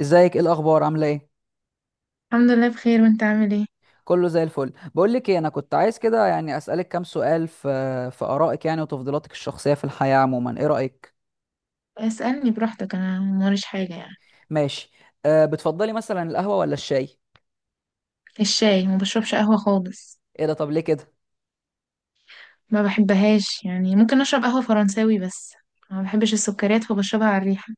ازيك؟ ايه الاخبار؟ عامله ايه؟ الحمد لله بخير، وانت عامل ايه؟ كله زي الفل. بقول لك ايه، انا كنت عايز كده يعني اسالك كام سؤال في ارائك يعني وتفضيلاتك الشخصيه في الحياه عموما. ايه رايك؟ اسألني براحتك، انا موريش حاجة يعني. ماشي. أه، بتفضلي مثلا القهوه ولا الشاي؟ الشاي. ما بشربش قهوة خالص. ايه ده؟ طب ليه كده؟ ما بحبهاش يعني، ممكن اشرب قهوة فرنساوي بس. ما بحبش السكريات فبشربها على الريحة.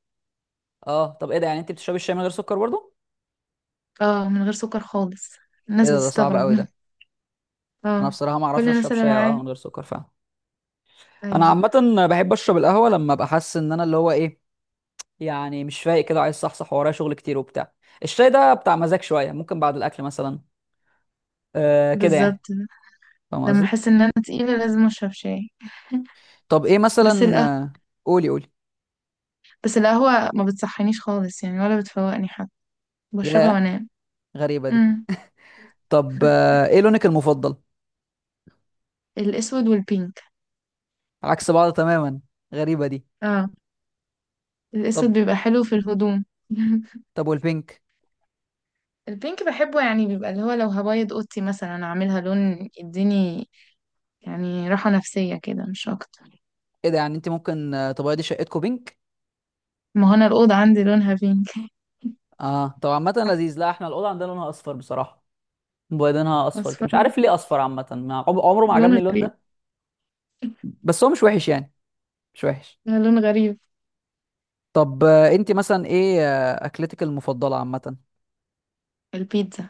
اه، طب ايه ده؟ يعني انت بتشربي الشاي من غير سكر برضه؟ اه، من غير سكر خالص. ايه الناس ده؟ ده صعب بتستغرب قوي ده. انا اه. بصراحه ما اعرفش كل اشرب الناس اللي شاي او قهوه معايا. من غير سكر فعلا. انا ايوه. عامه بحب اشرب القهوه لما ابقى حاسس ان انا اللي هو ايه، يعني مش فايق كده، عايز صحصح ورايا شغل كتير وبتاع. الشاي ده بتاع مزاج شويه، ممكن بعد الاكل مثلا. أه كده بالظبط. يعني. فاهم لما قصدي؟ احس ان انا تقيلة لازم اشرب شاي. طب ايه بس مثلا؟ القهوة. آه، قولي قولي. بس القهوة ما بتصحينيش خالص يعني، ولا بتفوقني حتى. بشربها ياه، وانام. غريبة دي. امم. طب ايه لونك المفضل؟ الاسود والبينك. عكس بعض تماما. غريبة دي. اه. طب. الاسود بيبقى حلو في الهدوم. طب والبينك؟ البينك بحبه، يعني بيبقى اللي هو لو هبيض اوضتي مثلا اعملها لون يديني يعني راحة نفسية كده مش اكتر. ايه ده؟ يعني انت ممكن تبيضي شقتكم بينك؟ ما هو انا الأوضة عندي لونها بينك اه، طب عامة لذيذ. لا احنا الأوضة عندنا لونها أصفر بصراحة. مبيضينها أصفر كده. مش اصفر، عارف ليه أصفر. عامة عمره ما لون عجبني اللون غريب. ده. بس هو مش وحش يعني، مش وحش. لون غريب. طب انت مثلا ايه أكلتك المفضلة عامة؟ البيتزا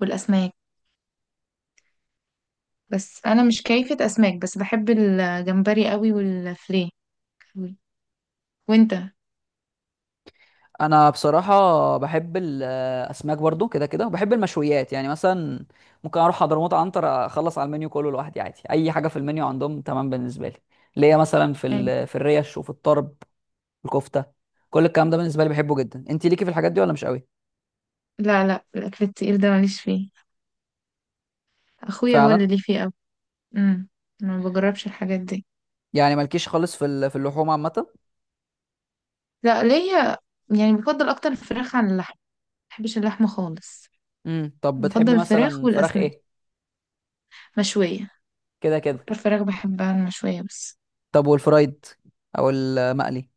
والاسماك. بس انا مش كيفة اسماك، بس بحب الجمبري قوي والفليه قوي. وانت؟ انا بصراحه بحب الاسماك برضو كده كده، وبحب المشويات يعني. مثلا ممكن اروح حضرموت عنتر اخلص على المنيو كله لوحدي عادي. اي حاجه في المنيو عندهم تمام بالنسبه لي. ليا مثلا يعني في الريش، وفي الطرب، الكفته. كل الكلام ده بالنسبه لي بحبه جدا. انت ليكي في الحاجات دي ولا مش قوي؟ لا لا الاكل التقيل ده ماليش فيه. اخويا هو اللي فعلا. ليه فيه قوي. امم. ما بجربش الحاجات دي. يعني مالكيش خالص في اللحوم عامه؟ لا ليا، يعني بفضل اكتر الفراخ عن اللحم. ما بحبش اللحمة خالص. امم. طب بفضل بتحبي الفراخ مثلا فراخ والأسماك ايه؟ مشوية. كده كده. أكتر فراخ بحبها المشوية بس. طب والفرايد او المقلي؟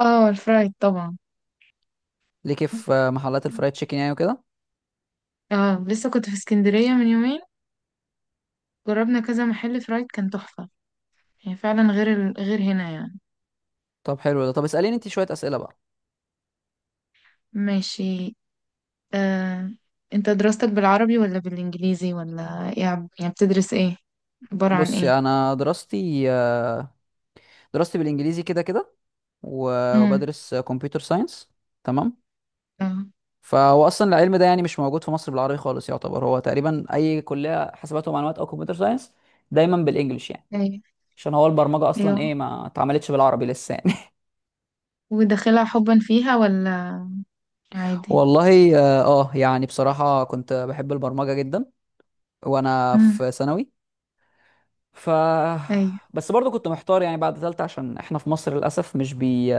اه الفرايد طبعا. ليكي في محلات الفرايد تشيكن يعني وكده؟ اه لسه كنت في اسكندرية من يومين. جربنا كذا محل فرايد كان تحفة. يعني فعلا غير هنا يعني. طب حلو ده. طب اساليني انت شويه اسئله بقى. ماشي. آه. انت دراستك بالعربي ولا بالإنجليزي ولا يعني بتدرس ايه؟ عبارة عن بصي، ايه؟ انا دراستي بالانجليزي كده كده. امم. وبدرس كمبيوتر ساينس. تمام. اه. فهو اصلا العلم ده يعني مش موجود في مصر بالعربي خالص. يعتبر هو تقريبا اي كليه حاسبات ومعلومات او كمبيوتر ساينس دايما بالانجلش يعني. ايوه عشان هو البرمجه اصلا ايوه. ايه، ما اتعملتش بالعربي لسه يعني. وداخلها حبا فيها ولا؟ عادي. والله اه، يعني بصراحه كنت بحب البرمجه جدا وانا امم. في ثانوي. ف ايوه. بس برضو كنت محتار يعني بعد ثالثه، عشان احنا في مصر للاسف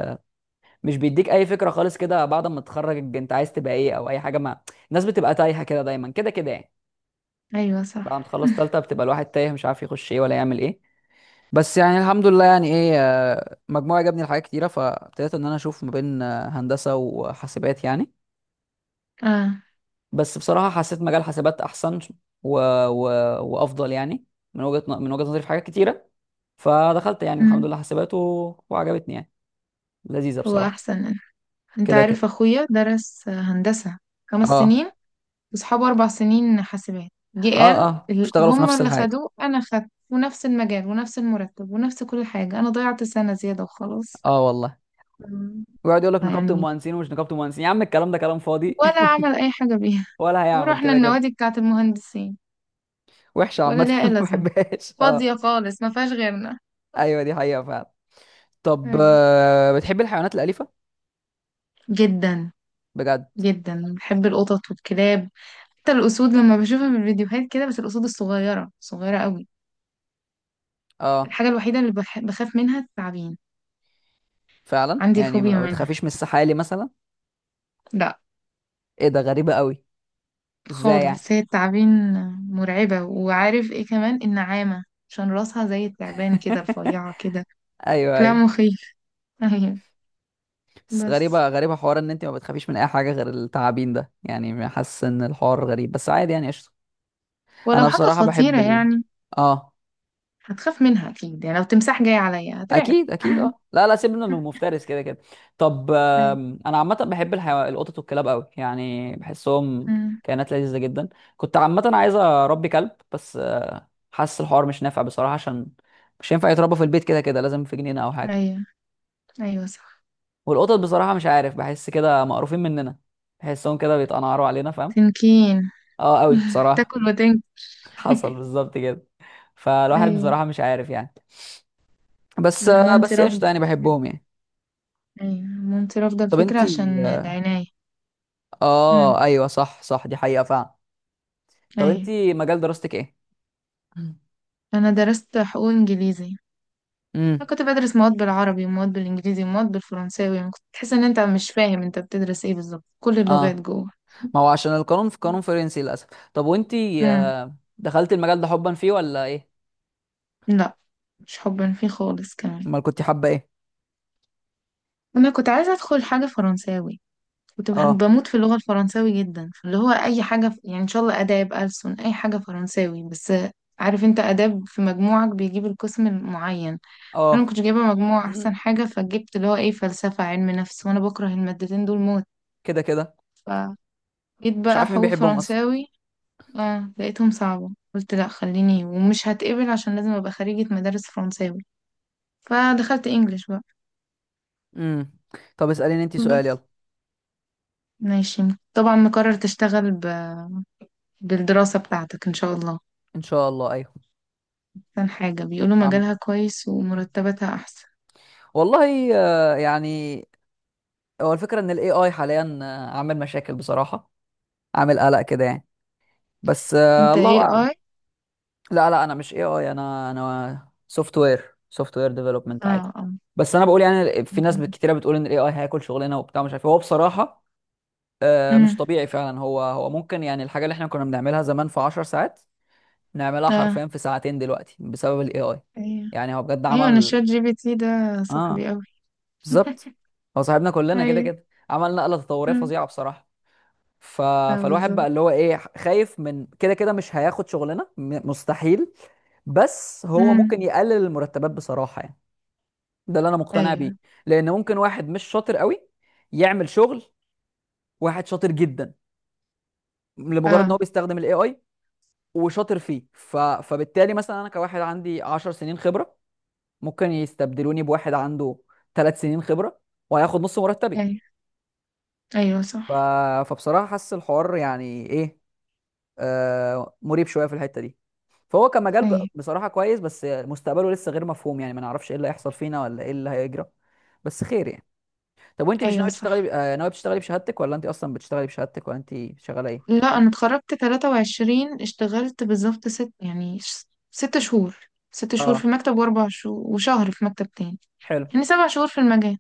مش بيديك اي فكره خالص كده بعد ما تتخرج انت عايز تبقى ايه او اي حاجه. ما الناس بتبقى تايهه كده دايما كده كده يعني. ايوه بعد صح. ما تخلص تالتة بتبقى الواحد تايه مش عارف يخش ايه ولا يعمل ايه. بس يعني الحمد لله يعني ايه، مجموعة جابني لحاجات كتيره، فابتديت ان انا اشوف ما بين هندسه وحاسبات يعني. اه. بس بصراحه حسيت مجال حاسبات احسن و... و... وافضل يعني، من من وجهه نظري في حاجات كتيره. فدخلت يعني الحمد امم. لله حاسبات وعجبتني يعني، لذيذه هو بصراحه. احسن. انت كده كده. عارف اخويا درس هندسة خمس اه سنين واصحابه 4 سنين حاسبات، جه اه قال اه اشتغلوا في هما نفس اللي الحاجه. خدوه، انا خدت ونفس المجال ونفس المرتب ونفس كل حاجة، انا ضيعت سنة زيادة وخلاص. اه والله. مم. ويقعد يقول لك نقابه يعني المهندسين ومش نقابه المهندسين، يا عم الكلام ده كلام فاضي. ولا عمل اي حاجة بيها. ولا هيعمل ورحنا كده كده. النوادي بتاعت المهندسين، وحشه ولا عامه، ليها ما اي لازمة. بحبهاش فاضية اه. خالص، ما فيهاش غيرنا. ايوه، دي حقيقه فعلا. طب أيوة. بتحب الحيوانات الاليفه؟ جدا. بجد؟ جدا بحب القطط والكلاب. حتى الاسود لما بشوفها في الفيديوهات كده، بس الاسود الصغيرة صغيرة قوي. اه. الحاجة الوحيدة اللي بخاف منها التعابين. فعلا. عندي يعني فوبيا ما منها. بتخافيش من السحالي مثلا؟ لا. ايه ده؟ غريبه قوي. ازاي يعني؟ خالص، هي التعابين مرعبة. وعارف ايه كمان؟ النعامة. عشان راسها زي التعبان كده رفيعة كده. ايوه ايوه. كلام مخيف. ايوه. بس بس. غريبه غريبه حوار ان انت ما بتخافيش من اي حاجه غير التعابين ده. يعني حاسس ان الحوار غريب بس عادي يعني قشطه. ولو انا حاجة بصراحه بحب خطيرة ال... يعني اه. هتخاف منها اكيد، يعني لو تمساح جاي عليا هترعب. اكيد اكيد اه، لا لا سيبنا من المفترس كده كده. طب ايوه. انا عامه بحب الحيو... القطط والكلاب قوي، يعني بحسهم أمم. كائنات لذيذه جدا. كنت عامه عايز اربي كلب، بس حاسس الحوار مش نافع بصراحه، عشان مش هينفع يتربى في البيت كده كده، لازم في جنينه او حاجه. ايوه، ايوه صح. والقطط بصراحه مش عارف، بحس كده مقروفين مننا. بحسهم كده بيتقنعروا علينا فاهم. تنكين. اه قوي بصراحه. تاكل وتنك. حصل بالظبط كده. فالواحد ايوه، بصراحه مش عارف يعني. بس انا مامتي بس رافضة. قشطه يعني بحبهم يعني. ايوه، مامتي رافضة طب الفكرة انتي، عشان العناية. اه أمم. ايوه صح صح، دي حقيقة فعلا. طب انت ايوه. مجال دراستك ايه؟ انا درست حقوق انجليزي. امم. انا كنت بدرس مواد بالعربي ومواد بالانجليزي ومواد بالفرنساوي، يعني كنت تحس ان انت مش فاهم انت بتدرس ايه بالظبط، كل اللغات اه، جوه. ما هو عشان القانون في قانون فرنسي للاسف. طب وانت امم. دخلت المجال ده حبا فيه ولا ايه؟ لا. مش حبا فيه خالص كمان. امال كنت حابة ايه؟ انا كنت عايزه ادخل حاجه فرنساوي. كنت اه بموت في اللغه الفرنساوي جدا، فاللي هو اي حاجه يعني ان شاء الله اداب ألسن اي حاجه فرنساوي بس. عارف انت اداب في مجموعك بيجيب القسم المعين. انا ما اه. كنتش جايبه مجموع احسن حاجه، فجبت اللي هو ايه فلسفه علم نفس، وانا بكره المادتين دول كده كده. موت. جيت مش بقى عارف مين حقوق بيحبهم اصلا. فرنساوي. اه لقيتهم صعبة، قلت لا خليني، ومش هتقبل عشان لازم ابقى خريجة مدارس فرنساوي. فدخلت انجليش بقى. امم. طب اسأليني انت سؤال بس. يلا. ماشي. طبعا مقرر تشتغل بالدراسة بتاعتك ان شاء الله. ان شاء الله ايوه. احسن حاجة بيقولوا عم. مجالها كويس ومرتباتها احسن. والله يعني هو الفكرة ان الاي اي حاليا عامل مشاكل بصراحة، عامل قلق كده يعني. بس انت الله اي اعلم. اي؟ لا لا انا مش اي اي، انا سوفت وير ديفلوبمنت عادي. اه اه. بس انا بقول يعني في ناس كتيره بتقول ان الاي اي هياكل شغلنا وبتاع مش عارف إيه. هو بصراحه مش امم. طبيعي فعلا. هو ممكن يعني الحاجه اللي احنا كنا بنعملها زمان في 10 ساعات، نعملها اه حرفيا في ساعتين دلوقتي بسبب الاي اي. ايوه يعني هو بجد ايوه. انا عمل. الشات جي بي تي ده اه صاحبي قوي. بالظبط. هو صاحبنا كلنا كده ايوه. كده، عمل نقله تطوريه أمم. فظيعه بصراحه. ف... اه فالواحد بقى بالظبط. اللي هو ايه خايف من كده كده مش هياخد شغلنا، مستحيل. بس هو امم. ممكن يقلل المرتبات بصراحة يعني. ده اللي انا مقتنع بيه. ايوه. لان ممكن واحد مش شاطر قوي يعمل شغل واحد شاطر جدا لمجرد ان هو اه. بيستخدم الاي اي وشاطر فيه. فبالتالي مثلا انا كواحد عندي 10 سنين خبرة، ممكن يستبدلوني بواحد عنده 3 سنين خبرة وهياخد نص مرتبي. ايوه، ايوه ف... صح. فبصراحة حاسس الحوار يعني ايه، مريب شوية في الحتة دي. فهو كمجال ايوه، بصراحة كويس، بس مستقبله لسه غير مفهوم. يعني ما نعرفش ايه اللي هيحصل فينا ولا ايه اللي هيجرى. بس خير يعني. طب وانت مش ايوه ناوي تشتغلي ب... صح. آه، ناوي تشتغلي بشهادتك، ولا انت اصلا بتشتغلي بشهادتك، ولا انت شغالة ايه؟ لا، انا اتخرجت 23، اشتغلت بالظبط 6 شهور. 6 شهور اه، في مكتب، واربع شهور وشهر في مكتب تاني. حلو. يعني 7 شهور في المجال.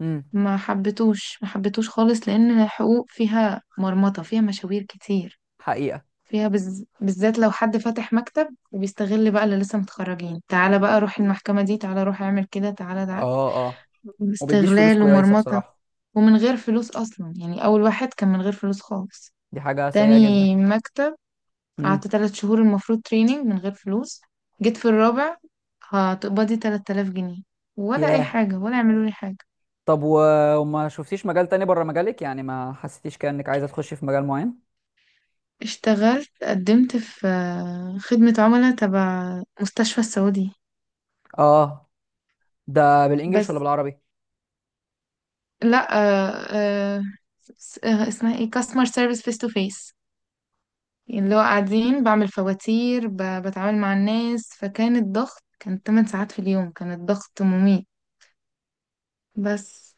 امم. ما حبيتوش، ما حبيتوش خالص لان الحقوق فيها مرمطة، فيها مشاوير كتير. حقيقة. فيها بالذات لو حد فاتح مكتب وبيستغل بقى اللي لسه متخرجين، تعالى بقى روح المحكمة دي، تعالى روح اعمل كده، تعالى تعالى. اه اه. وبيديش فلوس استغلال كويسة ومرمطة. بصراحة. ومن غير فلوس اصلا، يعني اول واحد كان من غير فلوس خالص. دي حاجة سيئة جدا. تاني مكتب، قعدت امم. 3 شهور المفروض تريننج من غير فلوس. جيت في الرابع هتقبضي 3,000 جنيه، ولا أي ياه. حاجة، ولا يعملوا لي حاجة. طب وما شفتيش مجال تاني بره مجالك؟ يعني ما حسيتيش كأنك عايزة تخشي في مجال معين؟ اشتغلت، قدمت في خدمة عملاء تبع مستشفى السعودي. اه. ده بالانجلش ولا بس. بالعربي؟ لا، اسمها ايه كاستمر سيرفيس فيس تو فيس. اللي هو قاعدين بعمل فواتير، بتعامل مع الناس، فكان الضغط كان 8 ساعات في اليوم، كان الضغط مميت. بس.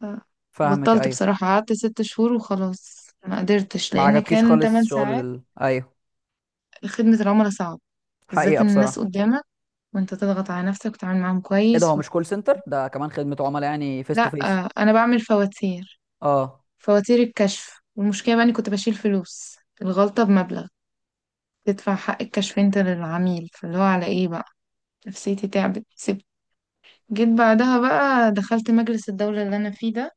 ف- فاهمك بطلت ايوه. بصراحة، قعدت 6 شهور وخلاص، ما قدرتش ما لأن عجبكيش كان خالص تمن شغل ساعات ال... ايوه. خدمة العملاء صعب، بالذات حقيقة إن الناس بصراحة. قدامك، وأنت تضغط على نفسك وتتعامل معاهم ايه ده، هو كويس و... مش كول سنتر ده كمان خدمة عملاء يعني فيس تو لا، فيس؟ أنا بعمل فواتير. اه فواتير الكشف، والمشكلة بقى إني كنت بشيل فلوس الغلطة بمبلغ، تدفع حق الكشف أنت للعميل، فاللي هو على إيه بقى؟ نفسيتي تعبت، سبت. جيت بعدها بقى دخلت مجلس الدولة اللي أنا فيه ده.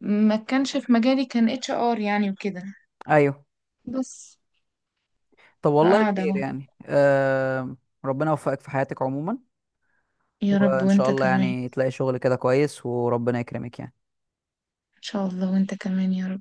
ما كانش في مجالي، كان اتش ار يعني وكده. ايوه. بس. طب والله فقاعدة خير اهو. يعني ربنا يوفقك في حياتك عموما. يا رب، وان شاء وانت الله كمان. يعني تلاقي شغل كده كويس وربنا يكرمك يعني. ان شاء الله، وانت كمان يا رب.